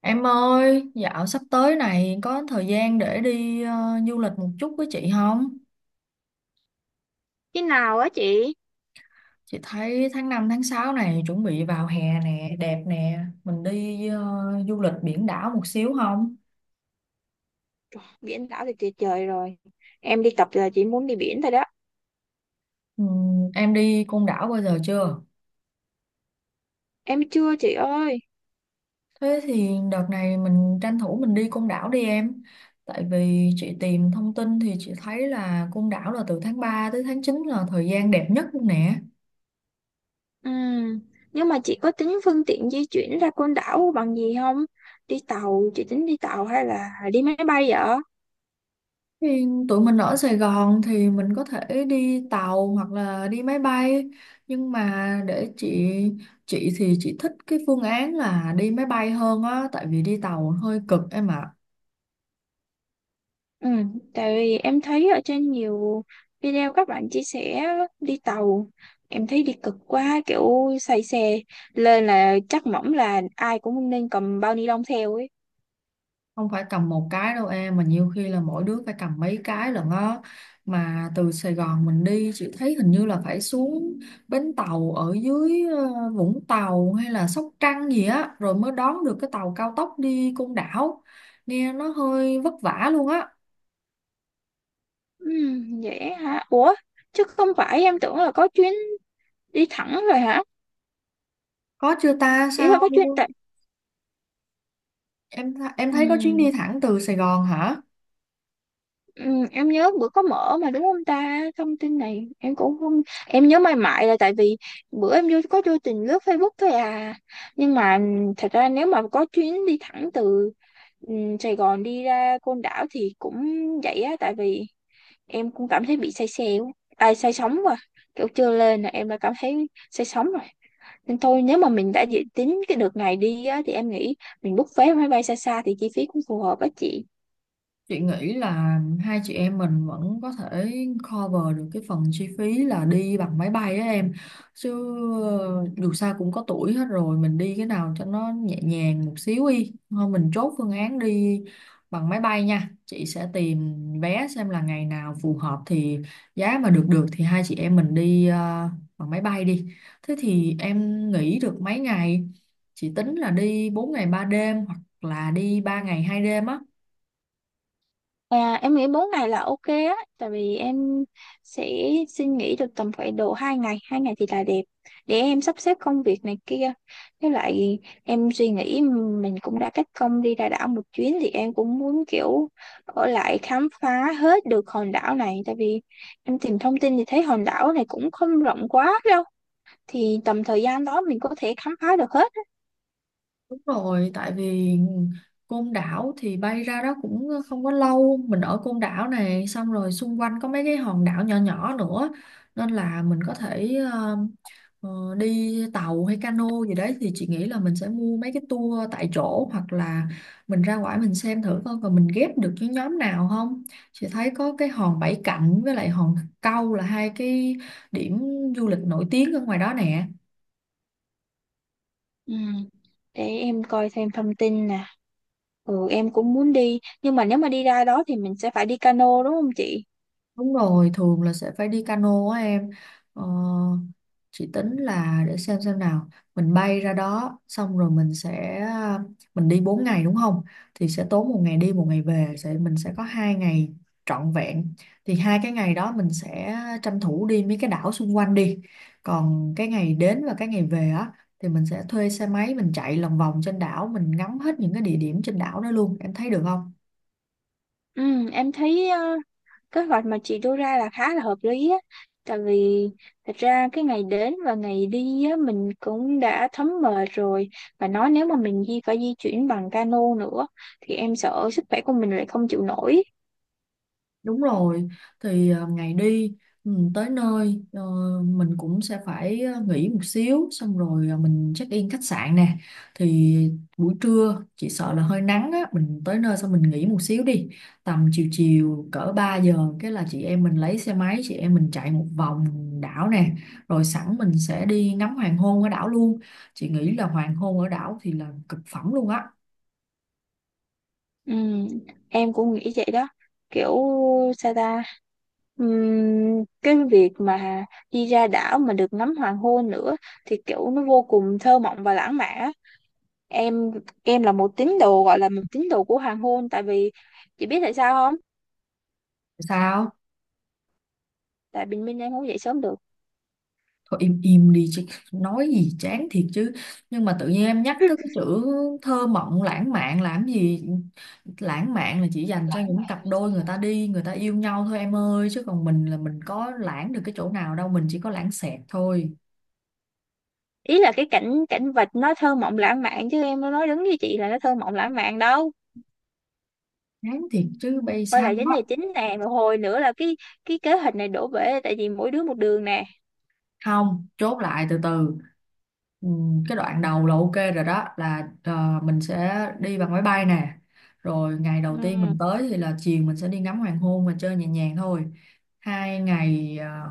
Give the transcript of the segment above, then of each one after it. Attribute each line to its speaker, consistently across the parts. Speaker 1: Em ơi, dạo sắp tới này có thời gian để đi du lịch một chút với chị không?
Speaker 2: Khi nào á chị?
Speaker 1: Chị thấy tháng 5 tháng 6 này chuẩn bị vào hè nè, đẹp nè. Mình đi du lịch biển đảo một xíu không?
Speaker 2: Biển đảo thì tuyệt vời rồi. Em đi tập là chị muốn đi biển thôi đó.
Speaker 1: Em đi Côn Đảo bao giờ chưa?
Speaker 2: Em chưa chị ơi.
Speaker 1: Thế thì đợt này mình tranh thủ mình đi Côn Đảo đi em. Tại vì chị tìm thông tin thì chị thấy là Côn Đảo là từ tháng 3 tới tháng 9 là thời gian đẹp nhất luôn nè.
Speaker 2: Ừm. Nhưng mà chị có tính phương tiện di chuyển ra Côn Đảo bằng gì không? Đi tàu, chị tính đi tàu hay là đi máy bay vậy?
Speaker 1: Thì tụi mình ở Sài Gòn thì mình có thể đi tàu hoặc là đi máy bay, nhưng mà để chị thì chị thích cái phương án là đi máy bay hơn á, tại vì đi tàu hơi cực em ạ.
Speaker 2: Ừ, tại vì em thấy ở trên nhiều video các bạn chia sẻ đi tàu. Em thấy đi cực quá, kiểu say xe. Lên là chắc mỏng là ai cũng nên cầm bao ni lông theo ấy.
Speaker 1: Không phải cầm một cái đâu em mà nhiều khi là mỗi đứa phải cầm mấy cái lận á. Mà từ Sài Gòn mình đi chị thấy hình như là phải xuống bến tàu ở dưới Vũng Tàu hay là Sóc Trăng gì á, rồi mới đón được cái tàu cao tốc đi Côn Đảo, nghe nó hơi vất vả luôn á.
Speaker 2: Ừ, dễ hả? Ủa, chứ không phải em tưởng là có chuyến đi thẳng rồi hả?
Speaker 1: Có chưa ta?
Speaker 2: Ý
Speaker 1: Sao
Speaker 2: là có chuyến tại...
Speaker 1: em
Speaker 2: Ừ,
Speaker 1: thấy có chuyến đi thẳng từ Sài Gòn hả?
Speaker 2: ừ, em nhớ bữa có mở mà đúng không ta? Thông tin này em cũng không... Em nhớ mãi mãi là tại vì bữa em vô có vô tình lướt Facebook thôi à. Nhưng mà thật ra nếu mà có chuyến đi thẳng từ ừ, Sài Gòn đi ra Côn Đảo thì cũng vậy á. Tại vì em cũng cảm thấy bị say xe quá. À, say sóng quá. Kiểu chưa lên là em đã cảm thấy say sóng rồi. Nên thôi nếu mà mình đã dự tính cái đợt này đi á, thì em nghĩ mình book vé máy bay xa xa thì chi phí cũng phù hợp á chị.
Speaker 1: Chị nghĩ là hai chị em mình vẫn có thể cover được cái phần chi phí là đi bằng máy bay á em. Chứ dù sao cũng có tuổi hết rồi, mình đi cái nào cho nó nhẹ nhàng một xíu đi. Thôi mình chốt phương án đi bằng máy bay nha. Chị sẽ tìm vé xem là ngày nào phù hợp, thì giá mà được được thì hai chị em mình đi bằng máy bay đi. Thế thì em nghỉ được mấy ngày? Chị tính là đi 4 ngày 3 đêm hoặc là đi 3 ngày 2 đêm á.
Speaker 2: À, em nghĩ 4 ngày là ok á tại vì em sẽ xin nghỉ được tầm khoảng độ 2 ngày 2 ngày thì là đẹp để em sắp xếp công việc này kia với lại em suy nghĩ mình cũng đã cách công đi ra đảo một chuyến thì em cũng muốn kiểu ở lại khám phá hết được hòn đảo này tại vì em tìm thông tin thì thấy hòn đảo này cũng không rộng quá đâu thì tầm thời gian đó mình có thể khám phá được hết.
Speaker 1: Đúng rồi, tại vì Côn Đảo thì bay ra đó cũng không có lâu, mình ở Côn Đảo này xong rồi xung quanh có mấy cái hòn đảo nhỏ nhỏ nữa, nên là mình có thể ờ, đi tàu hay cano gì đấy, thì chị nghĩ là mình sẽ mua mấy cái tour tại chỗ hoặc là mình ra ngoài mình xem thử coi còn mình ghép được với nhóm nào không. Chị thấy có cái hòn Bảy Cạnh với lại hòn Câu là hai cái điểm du lịch nổi tiếng ở ngoài đó nè.
Speaker 2: Ừ. Để em coi thêm thông tin nè. Ừ em cũng muốn đi nhưng mà nếu mà đi ra đó thì mình sẽ phải đi cano đúng không chị?
Speaker 1: Đúng rồi, thường là sẽ phải đi cano á em. Ờ, chị tính là để xem nào, mình bay ra đó xong rồi mình đi 4 ngày đúng không? Thì sẽ tốn một ngày đi một ngày về, mình sẽ có 2 ngày trọn vẹn. Thì hai cái ngày đó mình sẽ tranh thủ đi mấy cái đảo xung quanh đi. Còn cái ngày đến và cái ngày về á thì mình sẽ thuê xe máy mình chạy lòng vòng trên đảo, mình ngắm hết những cái địa điểm trên đảo đó luôn. Em thấy được không?
Speaker 2: Ừ em thấy kế hoạch mà chị đưa ra là khá là hợp lý á. Tại vì thật ra cái ngày đến và ngày đi á, mình cũng đã thấm mệt rồi và nói nếu mà mình di phải di chuyển bằng cano nữa thì em sợ sức khỏe của mình lại không chịu nổi.
Speaker 1: Đúng rồi, thì ngày đi tới nơi mình cũng sẽ phải nghỉ một xíu xong rồi mình check in khách sạn nè. Thì buổi trưa chỉ sợ là hơi nắng á, mình tới nơi xong mình nghỉ một xíu đi. Tầm chiều chiều cỡ 3 giờ cái là chị em mình lấy xe máy, chị em mình chạy một vòng đảo nè, rồi sẵn mình sẽ đi ngắm hoàng hôn ở đảo luôn. Chị nghĩ là hoàng hôn ở đảo thì là cực phẩm luôn á.
Speaker 2: Ừ, em cũng nghĩ vậy đó kiểu sao ta. Cái việc mà đi ra đảo mà được ngắm hoàng hôn nữa thì kiểu nó vô cùng thơ mộng và lãng mạn á. em em là một tín đồ gọi là một tín đồ của hoàng hôn tại vì chị biết tại sao không?
Speaker 1: Sao?
Speaker 2: Tại bình minh em không dậy sớm được.
Speaker 1: Thôi im im đi chứ, nói gì chán thiệt chứ. Nhưng mà tự nhiên em nhắc tới cái chữ thơ mộng lãng mạn làm gì. Lãng mạn là chỉ dành cho những cặp đôi người ta đi người ta yêu nhau thôi em ơi, chứ còn mình là mình có lãng được cái chỗ nào đâu, mình chỉ có lãng xẹt thôi.
Speaker 2: Ý là cái cảnh cảnh vật nó thơ mộng lãng mạn chứ em nói đúng với chị là nó thơ mộng lãng mạn đâu.
Speaker 1: Chán thiệt chứ bây,
Speaker 2: Quay
Speaker 1: sao
Speaker 2: lại vấn đề chính nè một hồi nữa là cái kế hoạch này đổ bể tại vì mỗi đứa một đường nè.
Speaker 1: không chốt lại từ từ. Cái đoạn đầu là ok rồi, đó là mình sẽ đi bằng máy bay nè, rồi ngày đầu tiên
Speaker 2: Ừ.
Speaker 1: mình tới thì là chiều mình sẽ đi ngắm hoàng hôn và chơi nhẹ nhàng thôi. 2 ngày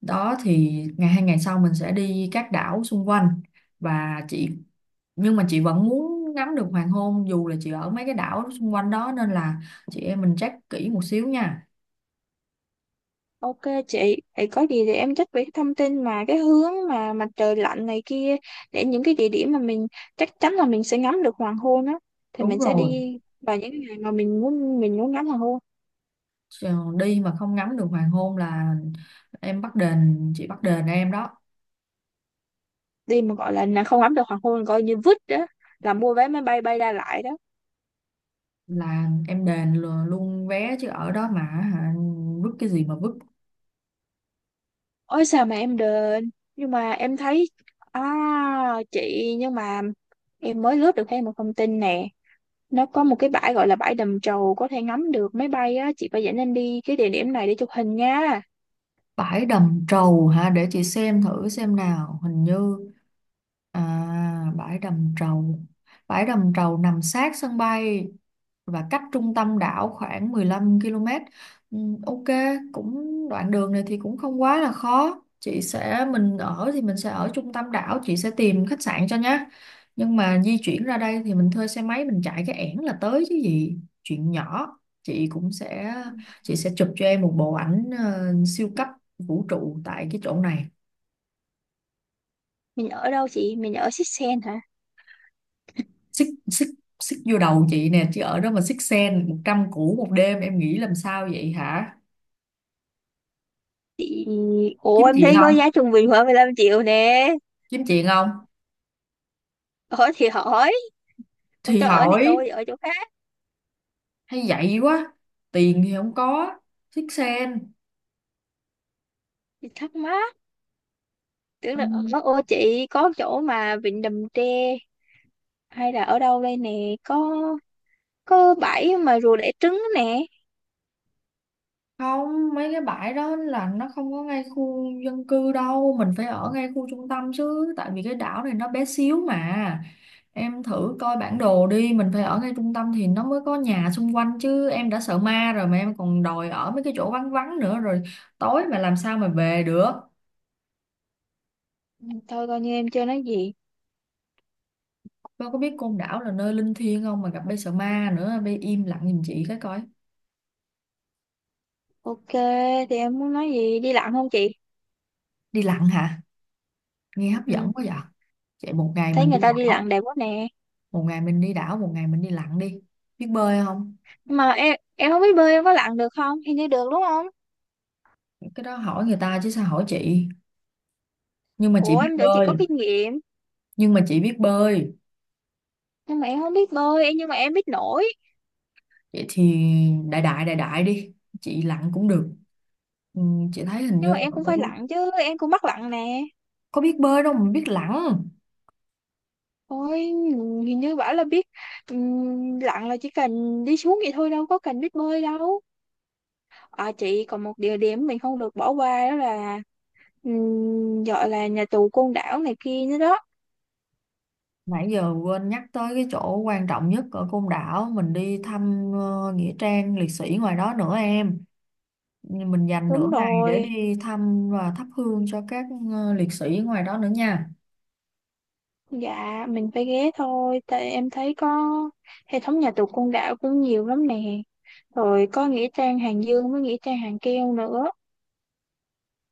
Speaker 1: đó thì 2 ngày sau mình sẽ đi các đảo xung quanh, và chị nhưng mà chị vẫn muốn ngắm được hoàng hôn dù là chị ở mấy cái đảo xung quanh đó, nên là chị em mình check kỹ một xíu nha.
Speaker 2: Ok chị, vậy có gì thì em check về cái thông tin mà cái hướng mà mặt trời lặn này kia để những cái địa điểm mà mình chắc chắn là mình sẽ ngắm được hoàng hôn á thì
Speaker 1: Đúng
Speaker 2: mình sẽ
Speaker 1: rồi.
Speaker 2: đi vào những cái ngày mà mình muốn ngắm hoàng hôn.
Speaker 1: Ờ, đi mà không ngắm được hoàng hôn là em bắt đền chị bắt đền em đó,
Speaker 2: Đi mà gọi là nè, không ngắm được hoàng hôn coi như vứt đó, là mua vé máy bay bay ra lại đó.
Speaker 1: là em đền luôn vé chứ ở đó mà hả, vứt cái gì mà vứt.
Speaker 2: Ôi sao mà em đền, nhưng mà em thấy, à chị, nhưng mà em mới lướt được thêm một thông tin nè, nó có một cái bãi gọi là bãi Đầm Trầu có thể ngắm được máy bay á, chị phải dẫn em đi cái địa điểm này để chụp hình nha.
Speaker 1: Bãi đầm trầu hả? Để chị xem thử xem nào. Hình như à vải đầm trầu. Bãi đầm trầu nằm sát sân bay và cách trung tâm đảo khoảng 15 km. Ừ, ok, cũng đoạn đường này thì cũng không quá là khó. Chị sẽ mình ở thì mình sẽ ở trung tâm đảo, chị sẽ tìm khách sạn cho nhá. Nhưng mà di chuyển ra đây thì mình thuê xe máy mình chạy cái ẻn là tới chứ gì, chuyện nhỏ. Chị cũng sẽ chị sẽ chụp cho em một bộ ảnh siêu cấp vũ trụ tại cái chỗ này.
Speaker 2: Mình ở đâu chị, mình ở Sixsen hả
Speaker 1: Xích xích xích vô đầu chị nè, chứ ở đó mà xích sen 100 củ một đêm em nghĩ làm sao vậy hả.
Speaker 2: chị? Ủa
Speaker 1: Kiếm
Speaker 2: em
Speaker 1: chuyện
Speaker 2: thấy có
Speaker 1: không?
Speaker 2: giá trung bình khoảng 15 triệu nè.
Speaker 1: Kiếm chuyện không?
Speaker 2: Ở thì hỏi, không
Speaker 1: Thì
Speaker 2: cho ở thì
Speaker 1: hỏi.
Speaker 2: thôi ở chỗ khác,
Speaker 1: Hay vậy quá. Tiền thì không có. Xích sen.
Speaker 2: thì thắc mắc. Tưởng
Speaker 1: Ừ.
Speaker 2: là ở, ô chị có chỗ mà vịnh Đầm Tre hay là ở đâu đây nè, có bãi mà rùa đẻ trứng nè.
Speaker 1: Không, mấy cái bãi đó là nó không có ngay khu dân cư đâu, mình phải ở ngay khu trung tâm chứ, tại vì cái đảo này nó bé xíu mà. Em thử coi bản đồ đi, mình phải ở ngay trung tâm thì nó mới có nhà xung quanh chứ, em đã sợ ma rồi mà em còn đòi ở mấy cái chỗ vắng vắng nữa, rồi tối mà làm sao mà về được.
Speaker 2: Ừ, thôi coi như em chưa nói gì.
Speaker 1: Con có biết Côn Đảo là nơi linh thiêng không mà gặp bê sợ ma nữa, bê im lặng giùm chị cái coi.
Speaker 2: Ok, thì em muốn nói gì, đi lặn không chị?
Speaker 1: Đi lặn hả? Nghe hấp
Speaker 2: Ừ,
Speaker 1: dẫn quá vậy. Vậy
Speaker 2: thấy người ta đi lặn đẹp quá nè.
Speaker 1: một ngày mình đi đảo, một ngày mình đi lặn đi. Biết bơi không?
Speaker 2: Mà em không biết bơi em có lặn được không, hình như được đúng không?
Speaker 1: Cái đó hỏi người ta chứ sao hỏi chị. Nhưng mà chị
Speaker 2: Ủa
Speaker 1: biết
Speaker 2: em tưởng chị có
Speaker 1: bơi,
Speaker 2: kinh nghiệm.
Speaker 1: nhưng mà chị biết bơi.
Speaker 2: Nhưng mà em không biết bơi em, nhưng mà em biết nổi.
Speaker 1: Vậy thì đại đại đại đại đi. Chị lặn cũng được. ừ, Chị thấy hình
Speaker 2: Nhưng
Speaker 1: như.
Speaker 2: mà em cũng phải lặn chứ, em cũng mắc lặn nè.
Speaker 1: Có biết bơi đâu mà biết lặn.
Speaker 2: Ôi, hình như bảo là biết. Lặn là chỉ cần đi xuống vậy thôi đâu có cần biết bơi đâu. À chị còn một địa điểm mình không được bỏ qua đó là, gọi là nhà tù Côn Đảo này kia nữa đó.
Speaker 1: Nãy giờ quên nhắc tới cái chỗ quan trọng nhất ở Côn Đảo. Mình đi thăm Nghĩa trang liệt sĩ ngoài đó nữa em. Nhưng mình dành nửa
Speaker 2: Đúng
Speaker 1: ngày để
Speaker 2: rồi.
Speaker 1: đi thăm và thắp hương cho các liệt sĩ ngoài đó nữa nha.
Speaker 2: Dạ, mình phải ghé thôi, tại em thấy có hệ thống nhà tù Côn Đảo cũng nhiều lắm nè. Rồi có nghĩa trang Hàng Dương với nghĩa trang Hàng Keo nữa.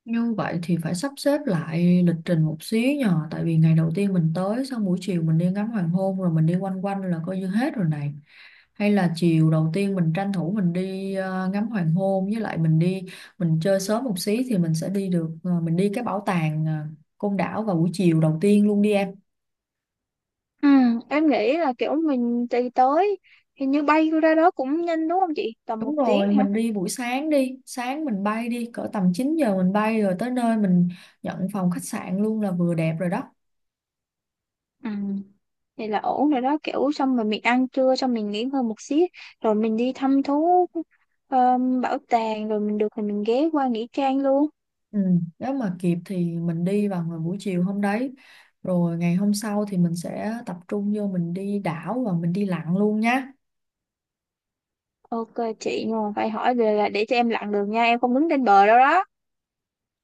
Speaker 1: Như vậy thì phải sắp xếp lại lịch trình một xíu nhờ. Tại vì ngày đầu tiên mình tới xong buổi chiều mình đi ngắm hoàng hôn rồi mình đi quanh quanh là coi như hết rồi này. Hay là chiều đầu tiên mình tranh thủ mình đi ngắm hoàng hôn, với lại mình chơi sớm một xí thì mình sẽ đi được ờ, mình đi cái bảo tàng Côn Đảo vào buổi chiều đầu tiên luôn đi em.
Speaker 2: Ừ, em nghĩ là kiểu mình đi tới, hình như bay ra đó cũng nhanh đúng không chị? Tầm một
Speaker 1: Đúng rồi
Speaker 2: tiếng hả?
Speaker 1: mình đi buổi sáng đi. Sáng mình bay đi, cỡ tầm 9 giờ mình bay, rồi tới nơi mình nhận phòng khách sạn luôn là vừa đẹp rồi đó.
Speaker 2: Ừ, vậy là ổn rồi đó, kiểu xong rồi mình ăn trưa, xong mình nghỉ ngơi một xíu, rồi mình đi thăm thú bảo tàng, rồi mình được thì mình ghé qua nghĩa trang luôn.
Speaker 1: Ừ, nếu mà kịp thì mình đi vào ngày buổi chiều hôm đấy, rồi ngày hôm sau thì mình sẽ tập trung vô mình đi đảo và mình đi lặn luôn nhá.
Speaker 2: Ok chị, nhưng mà phải hỏi về là để cho em lặn đường nha, em không đứng trên bờ đâu đó.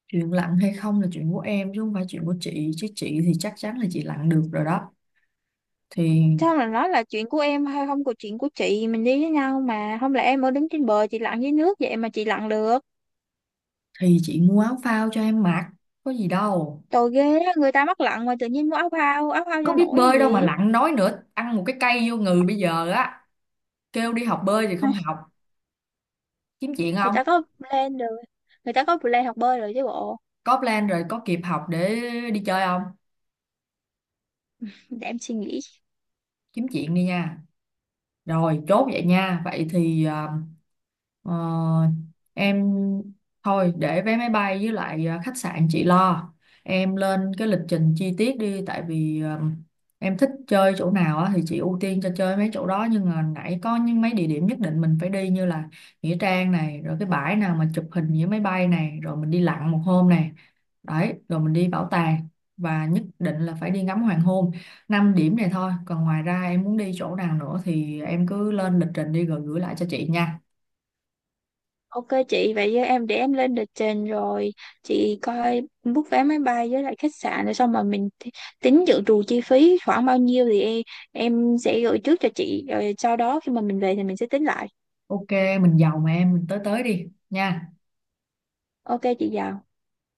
Speaker 1: Chuyện lặn hay không là chuyện của em chứ không phải chuyện của chị, chứ chị thì chắc chắn là chị lặn được rồi đó. thì
Speaker 2: Sao mà nói là chuyện của em hay không của chuyện của chị, mình đi với nhau mà không lẽ em ở đứng trên bờ chị lặn dưới nước vậy, mà chị lặn được.
Speaker 1: thì chị mua áo phao cho em mặc, có gì đâu.
Speaker 2: Tội ghê á, người ta mắc lặn mà tự nhiên mua áo phao, áo phao
Speaker 1: Có
Speaker 2: cho
Speaker 1: biết
Speaker 2: nổi hay
Speaker 1: bơi đâu mà
Speaker 2: gì.
Speaker 1: lặn, nói nữa ăn một cái cây vô người bây giờ á. Kêu đi học bơi thì không
Speaker 2: Ai,
Speaker 1: học. Kiếm chuyện
Speaker 2: người
Speaker 1: không.
Speaker 2: ta có plan rồi, người ta có plan học bơi rồi chứ bộ.
Speaker 1: Có plan rồi, có kịp học để đi chơi không.
Speaker 2: Để em suy nghĩ.
Speaker 1: Kiếm chuyện đi nha. Rồi chốt vậy nha, vậy thì Ờ, em thôi để vé máy bay với lại khách sạn chị lo. Em lên cái lịch trình chi tiết đi, tại vì em thích chơi chỗ nào á, thì chị ưu tiên cho chơi mấy chỗ đó, nhưng mà nãy có những mấy địa điểm nhất định mình phải đi như là nghĩa trang này, rồi cái bãi nào mà chụp hình với máy bay này, rồi mình đi lặn một hôm này. Đấy, rồi mình đi bảo tàng và nhất định là phải đi ngắm hoàng hôn. 5 điểm này thôi, còn ngoài ra em muốn đi chỗ nào nữa thì em cứ lên lịch trình đi rồi gửi lại cho chị nha.
Speaker 2: Ok chị, vậy với em, để em lên lịch trình rồi chị coi book vé máy bay với lại khách sạn, rồi xong mà mình tính dự trù chi phí khoảng bao nhiêu thì em sẽ gửi trước cho chị rồi sau đó khi mà mình về thì mình sẽ tính lại.
Speaker 1: Ok, mình giàu mà em, mình tới tới đi nha.
Speaker 2: Ok chị giàu.